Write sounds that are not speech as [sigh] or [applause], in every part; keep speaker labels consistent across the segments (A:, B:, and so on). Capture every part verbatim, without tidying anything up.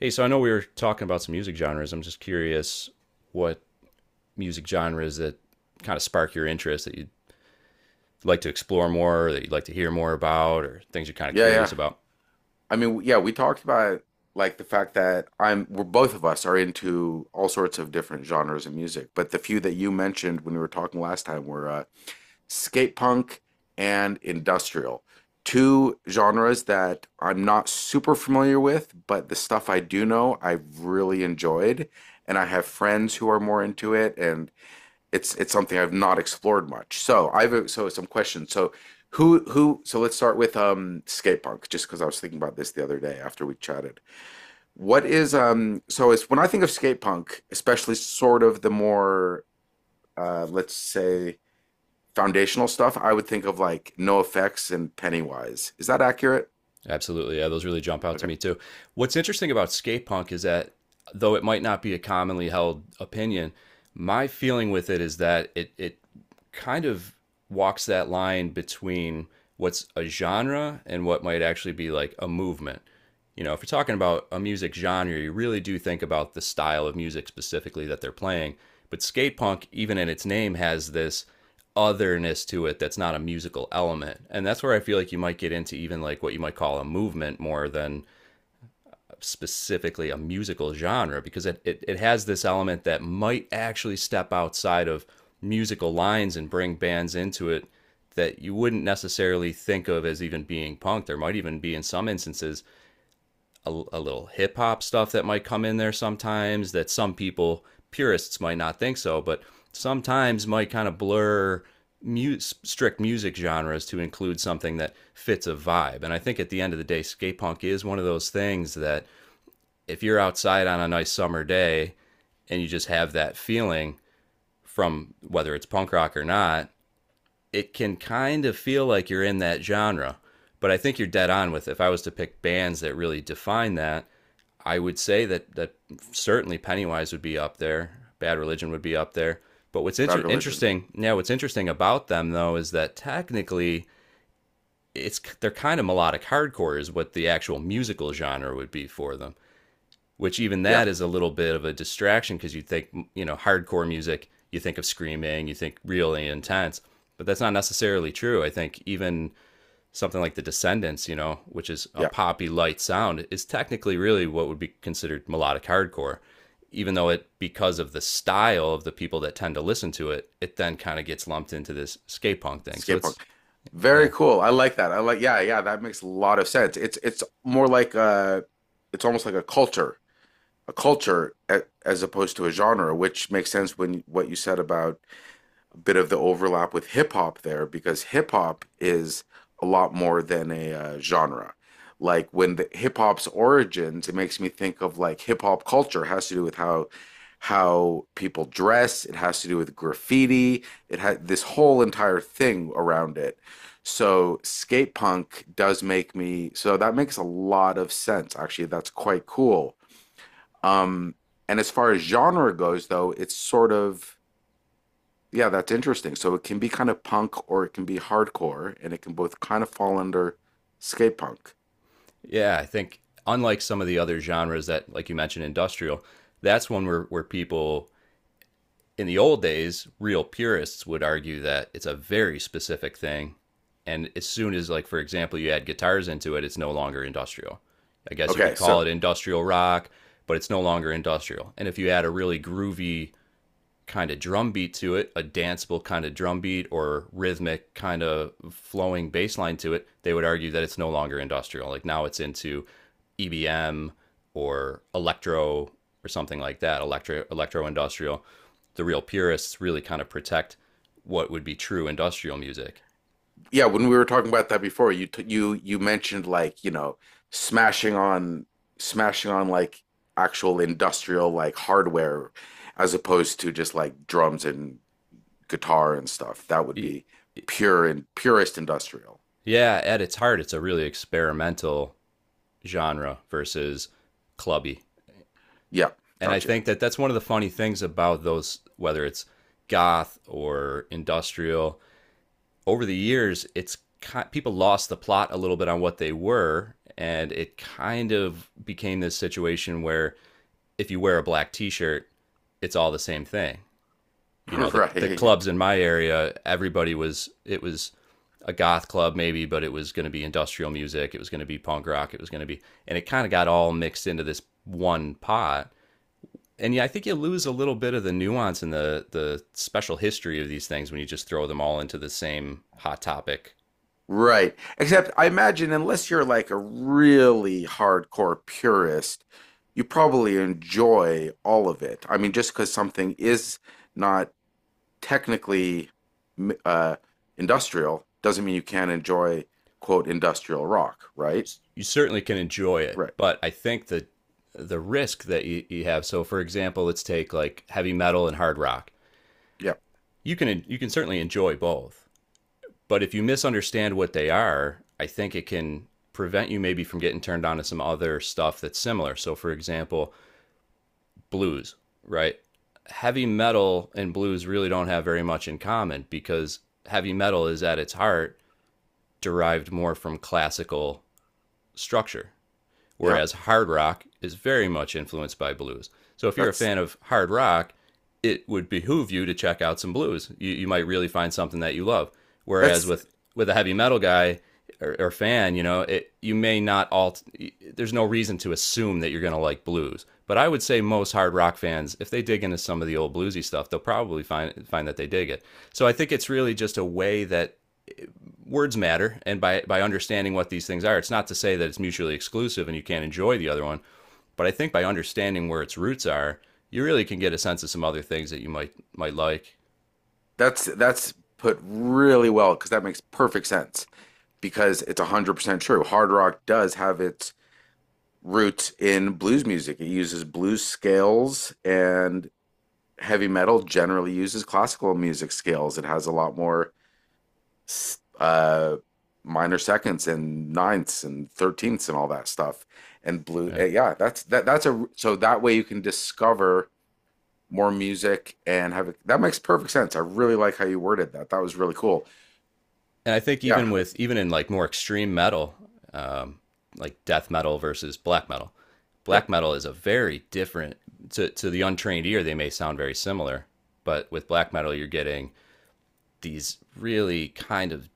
A: Hey, so I know we were talking about some music genres. I'm just curious what music genres that kind of spark your interest that you'd like to explore more, or that you'd like to hear more about, or things you're kind of
B: Yeah,
A: curious
B: yeah.
A: about.
B: I mean, yeah, we talked about like the fact that I'm we're both of us are into all sorts of different genres of music, but the few that you mentioned when we were talking last time were uh, skate punk and industrial. Two genres that I'm not super familiar with, but the stuff I do know, I've really enjoyed, and I have friends who are more into it, and it's it's something I've not explored much. So I've uh, so some questions. So who who so let's start with um skate punk just because I was thinking about this the other day after we chatted. What is um so it's when I think of skate punk, especially sort of the more uh let's say foundational stuff, I would think of like No Effects and Pennywise. Is that accurate?
A: Absolutely. Yeah, those really jump out to
B: Okay.
A: me too. What's interesting about skate punk is that though it might not be a commonly held opinion, my feeling with it is that it it kind of walks that line between what's a genre and what might actually be like a movement. You know, if you're talking about a music genre, you really do think about the style of music specifically that they're playing. But skate punk, even in its name, has this otherness to it that's not a musical element. And that's where I feel like you might get into even like what you might call a movement more than specifically a musical genre, because it, it, it has this element that might actually step outside of musical lines and bring bands into it that you wouldn't necessarily think of as even being punk. There might even be, in some instances, a, a little hip hop stuff that might come in there sometimes that some people purists might not think so, but sometimes might kind of blur mu- strict music genres to include something that fits a vibe. And I think at the end of the day, skate punk is one of those things that if you're outside on a nice summer day and you just have that feeling from whether it's punk rock or not, it can kind of feel like you're in that genre. But I think you're dead on with if I was to pick bands that really define that, I would say that that certainly Pennywise would be up there. Bad Religion would be up there. But what's
B: Bad
A: inter-
B: Religion.
A: interesting, yeah, what's interesting about them though is that technically it's they're kind of melodic hardcore is what the actual musical genre would be for them. Which even
B: Yeah,
A: that is a little bit of a distraction because you think, you know, hardcore music, you think of screaming, you think really intense, but that's not necessarily true. I think even something like the Descendants, you know, which is a
B: yeah.
A: poppy light sound, is technically really what would be considered melodic hardcore, even though it, because of the style of the people that tend to listen to it, it then kind of gets lumped into this skate punk thing. So
B: Skate punk.
A: it's,
B: Very
A: yeah.
B: cool. I like that. I like yeah, yeah, that makes a lot of sense. It's it's more like uh it's almost like a culture a culture as opposed to a genre, which makes sense when what you said about a bit of the overlap with hip hop there, because hip hop is a lot more than a uh, genre. Like when the hip hop's origins, it makes me think of like hip hop culture has to do with how how people dress, it has to do with graffiti, it had this whole entire thing around it. So skate punk does make me, so that makes a lot of sense. Actually, that's quite cool, um, and as far as genre goes, though, it's sort of yeah, that's interesting. So it can be kind of punk or it can be hardcore, and it can both kind of fall under skate punk.
A: Yeah, I think unlike some of the other genres that, like you mentioned, industrial, that's one where, where people in the old days, real purists would argue that it's a very specific thing. And as soon as, like, for example, you add guitars into it, it's no longer industrial. I guess you could
B: Okay,
A: call
B: so
A: it industrial rock, but it's no longer industrial. And if you add a really groovy kind of drum beat to it, a danceable kind of drum beat or rhythmic kind of flowing bass line to it, they would argue that it's no longer industrial. Like now it's into E B M or electro or something like that, electro electro industrial. The real purists really kind of protect what would be true industrial music.
B: yeah, when we were talking about that before, you t- you you mentioned like you know smashing on smashing on like actual industrial like hardware as opposed to just like drums and guitar and stuff. That would be pure and purest industrial.
A: Yeah, at its heart, it's a really experimental genre versus clubby,
B: Yeah,
A: and I
B: gotcha.
A: think that that's one of the funny things about those, whether it's goth or industrial. Over the years, it's people lost the plot a little bit on what they were, and it kind of became this situation where if you wear a black T-shirt, it's all the same thing.
B: [laughs]
A: You know, the the
B: Right.
A: clubs in my area, everybody was it was a goth club maybe, but it was going to be industrial music, it was going to be punk rock, it was going to be, and it kind of got all mixed into this one pot, and yeah, I think you lose a little bit of the nuance and the the special history of these things when you just throw them all into the same hot topic.
B: Right. Except I imagine unless you're like a really hardcore purist, you probably enjoy all of it. I mean, just because something is not technically m- uh, industrial doesn't mean you can't enjoy quote industrial rock, right?
A: You certainly can enjoy it,
B: Right.
A: but I think that the risk that you, you have. So, for example, let's take like heavy metal and hard rock.
B: Yeah.
A: You can you can certainly enjoy both, but if you misunderstand what they are, I think it can prevent you maybe from getting turned on to some other stuff that's similar. So, for example, blues, right? Heavy metal and blues really don't have very much in common because heavy metal is at its heart derived more from classical structure,
B: Yeah.
A: whereas hard rock is very much influenced by blues. So if you're a
B: That's
A: fan of hard rock, it would behoove you to check out some blues. You, you might really find something that you love. Whereas
B: that's
A: with with a heavy metal guy or, or fan, you know, it, you may not all. There's no reason to assume that you're going to like blues. But I would say most hard rock fans, if they dig into some of the old bluesy stuff, they'll probably find find that they dig it. So I think it's really just a way that words matter, and by by understanding what these things are, it's not to say that it's mutually exclusive and you can't enjoy the other one, but I think by understanding where its roots are, you really can get a sense of some other things that you might might like.
B: that's that's put really well because that makes perfect sense because it's one hundred percent true. Hard rock does have its roots in blues music. It uses blues scales, and heavy metal generally uses classical music scales. It has a lot more uh, minor seconds and ninths and thirteenths and all that stuff. And blue,
A: Yeah,
B: uh, yeah, that's that. That's a so that way you can discover more music and have it. That makes perfect sense. I really like how you worded that. That was really cool.
A: and I think
B: Yeah,
A: even with even in like more extreme metal, um, like death metal versus black metal,
B: yeah.
A: black metal is a very different to to the untrained ear they may sound very similar, but with black metal you're getting these really kind of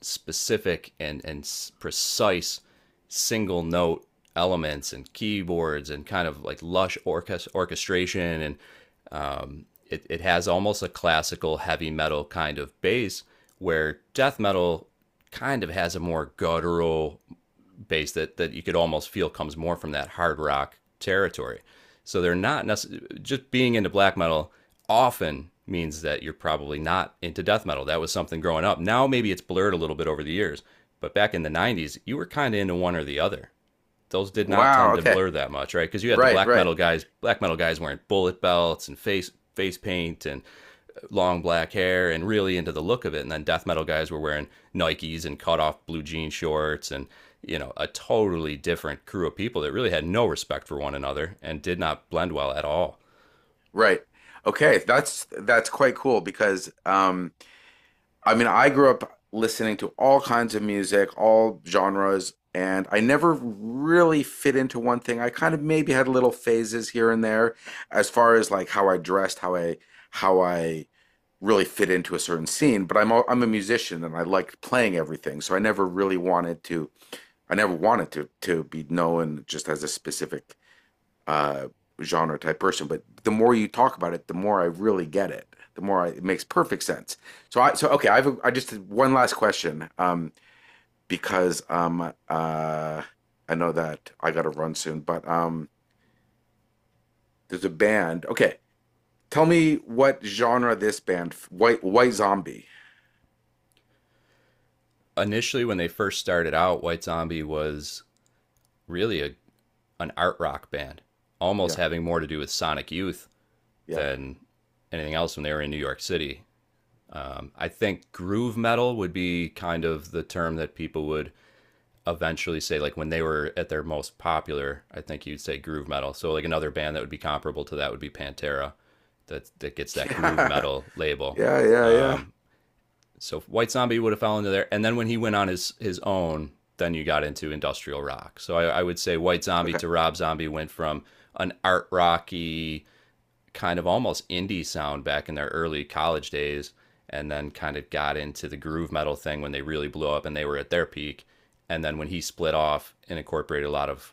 A: specific and and precise single note elements and keyboards and kind of like lush orchest- orchestration, and it, it has almost a classical heavy metal kind of bass, where death metal kind of has a more guttural bass that that you could almost feel comes more from that hard rock territory. So they're not necessarily just being into black metal often means that you're probably not into death metal. That was something growing up. Now maybe it's blurred a little bit over the years, but back in the nineties, you were kind of into one or the other. Those did not
B: Wow.
A: tend to
B: Okay.
A: blur that much, right? Because you had the
B: Right.
A: black
B: Right.
A: metal guys, black metal guys wearing bullet belts and face face paint and uh, long black hair and really into the look of it. And then death metal guys were wearing Nikes and cut off blue jean shorts and you know a totally different crew of people that really had no respect for one another and did not blend well at all.
B: Right. Okay. That's that's quite cool because um I mean, I grew up listening to all kinds of music, all genres, and I never really fit into one thing. I kind of maybe had little phases here and there as far as like how I dressed, how I how I really fit into a certain scene, but I'm a, I'm a musician and I liked playing everything. So I never really wanted to I never wanted to to be known just as a specific uh, genre type person. But the more you talk about it, the more I really get it. The more I, it makes perfect sense. So I so okay. I've I just did one last question, um, because um, uh, I know that I got to run soon, but um, there's a band. Okay, tell me what genre this band white white zombie.
A: Initially, when they first started out, White Zombie was really a, an art rock band, almost
B: Yeah,
A: having more to do with Sonic Youth
B: yeah,
A: than anything else when they were in New York City. I think groove metal would be kind of the term that people would eventually say like when they were at their most popular, I think you'd say groove metal. So like another band that would be comparable to that would be Pantera. That that gets that groove
B: yeah,
A: metal
B: [laughs]
A: label.
B: yeah, yeah, yeah.
A: Um, so White Zombie would have fallen into there. And then when he went on his his own, then you got into industrial rock. So I, I would say White Zombie
B: Okay,
A: to Rob Zombie went from an art rocky kind of almost indie sound back in their early college days and then kind of got into the groove metal thing when they really blew up and they were at their peak. And then when he split off and incorporated a lot of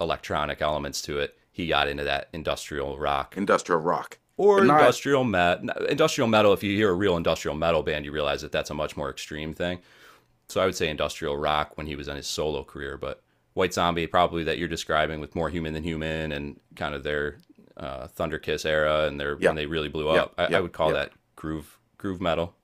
A: electronic elements to it, he got into that industrial rock
B: industrial rock, but
A: or
B: not.
A: industrial metal. industrial metal. If you hear a real industrial metal band, you realize that that's a much more extreme thing. So I would say industrial rock when he was on his solo career, but White Zombie probably that you're describing with more human than human and kind of their uh, Thunder Kiss era and their
B: Yeah,
A: when they really blew
B: yeah,
A: up. I, I
B: yeah,
A: would call
B: yeah.
A: that groove groove metal.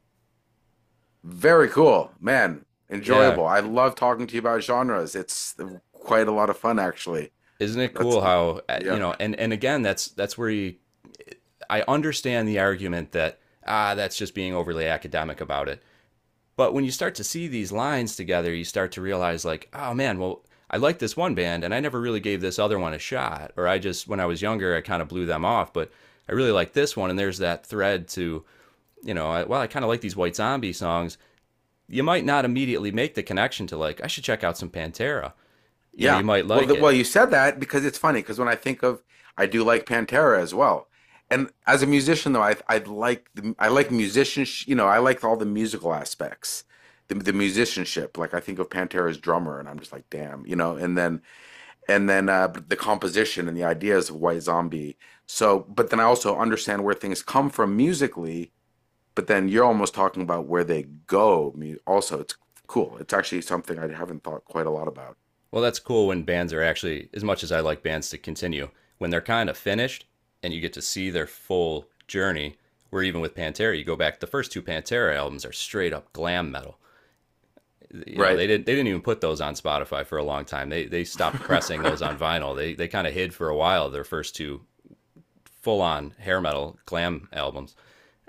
B: Very cool, man.
A: Yeah,
B: Enjoyable. I love talking to you about genres. It's quite a lot of fun, actually.
A: isn't it
B: That's
A: cool how uh, you
B: yeah,
A: know? And and again, that's that's where you, I understand the argument that ah that's just being overly academic about it. But when you start to see these lines together, you start to realize, like, oh man, well, I like this one band and I never really gave this other one a shot. Or I just, when I was younger, I kind of blew them off, but I really like this one. And there's that thread to, you know, I, well, I kind of like these White Zombie songs. You might not immediately make the connection to, like, I should check out some Pantera. You know, you
B: yeah.
A: might
B: Well,
A: like
B: the, well,
A: it.
B: you said that because it's funny. Because when I think of, I do like Pantera as well. And as a musician, though, I I like the, I like musicians. You know, I like all the musical aspects, the the musicianship. Like I think of Pantera's drummer, and I'm just like, damn, you know. And then and then uh, but the composition and the ideas of White Zombie. So, but then I also understand where things come from musically but then you're almost talking about where they go. I mean, also, it's cool. It's actually something I haven't thought quite a lot about.
A: Well, that's cool when bands are actually, as much as I like bands to continue, when they're kind of finished and you get to see their full journey, where even with Pantera, you go back, the first two Pantera albums are straight up glam metal. You know,
B: Right.
A: they didn't they didn't even put those on Spotify for a long time. They they
B: [laughs]
A: stopped pressing those on vinyl. They they kind of hid for a while their first two full on hair metal glam albums.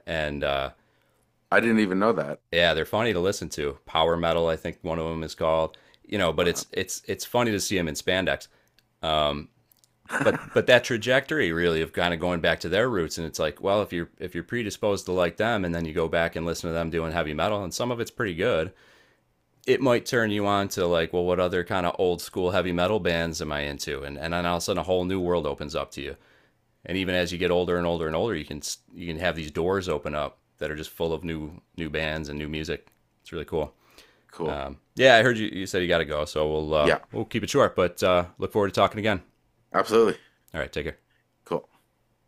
A: And uh
B: I didn't even know that.
A: yeah, they're funny to listen to. Power metal, I think one of them is called. You know, but
B: Wow.
A: it's it's it's funny to see them in spandex. But but
B: [laughs]
A: that trajectory really of kind of going back to their roots, and it's like well if you're if you're predisposed to like them and then you go back and listen to them doing heavy metal, and some of it's pretty good, it might turn you on to like well what other kind of old school heavy metal bands am I into, and and then all of a sudden a whole new world opens up to you. And even as you get older and older and older, you can you can have these doors open up that are just full of new new bands and new music. It's really cool.
B: Cool.
A: Yeah, I heard you, you said you got to go, so we'll uh
B: Yeah,
A: we'll keep it short, but uh look forward to talking again.
B: absolutely.
A: All right, take care.
B: Cool.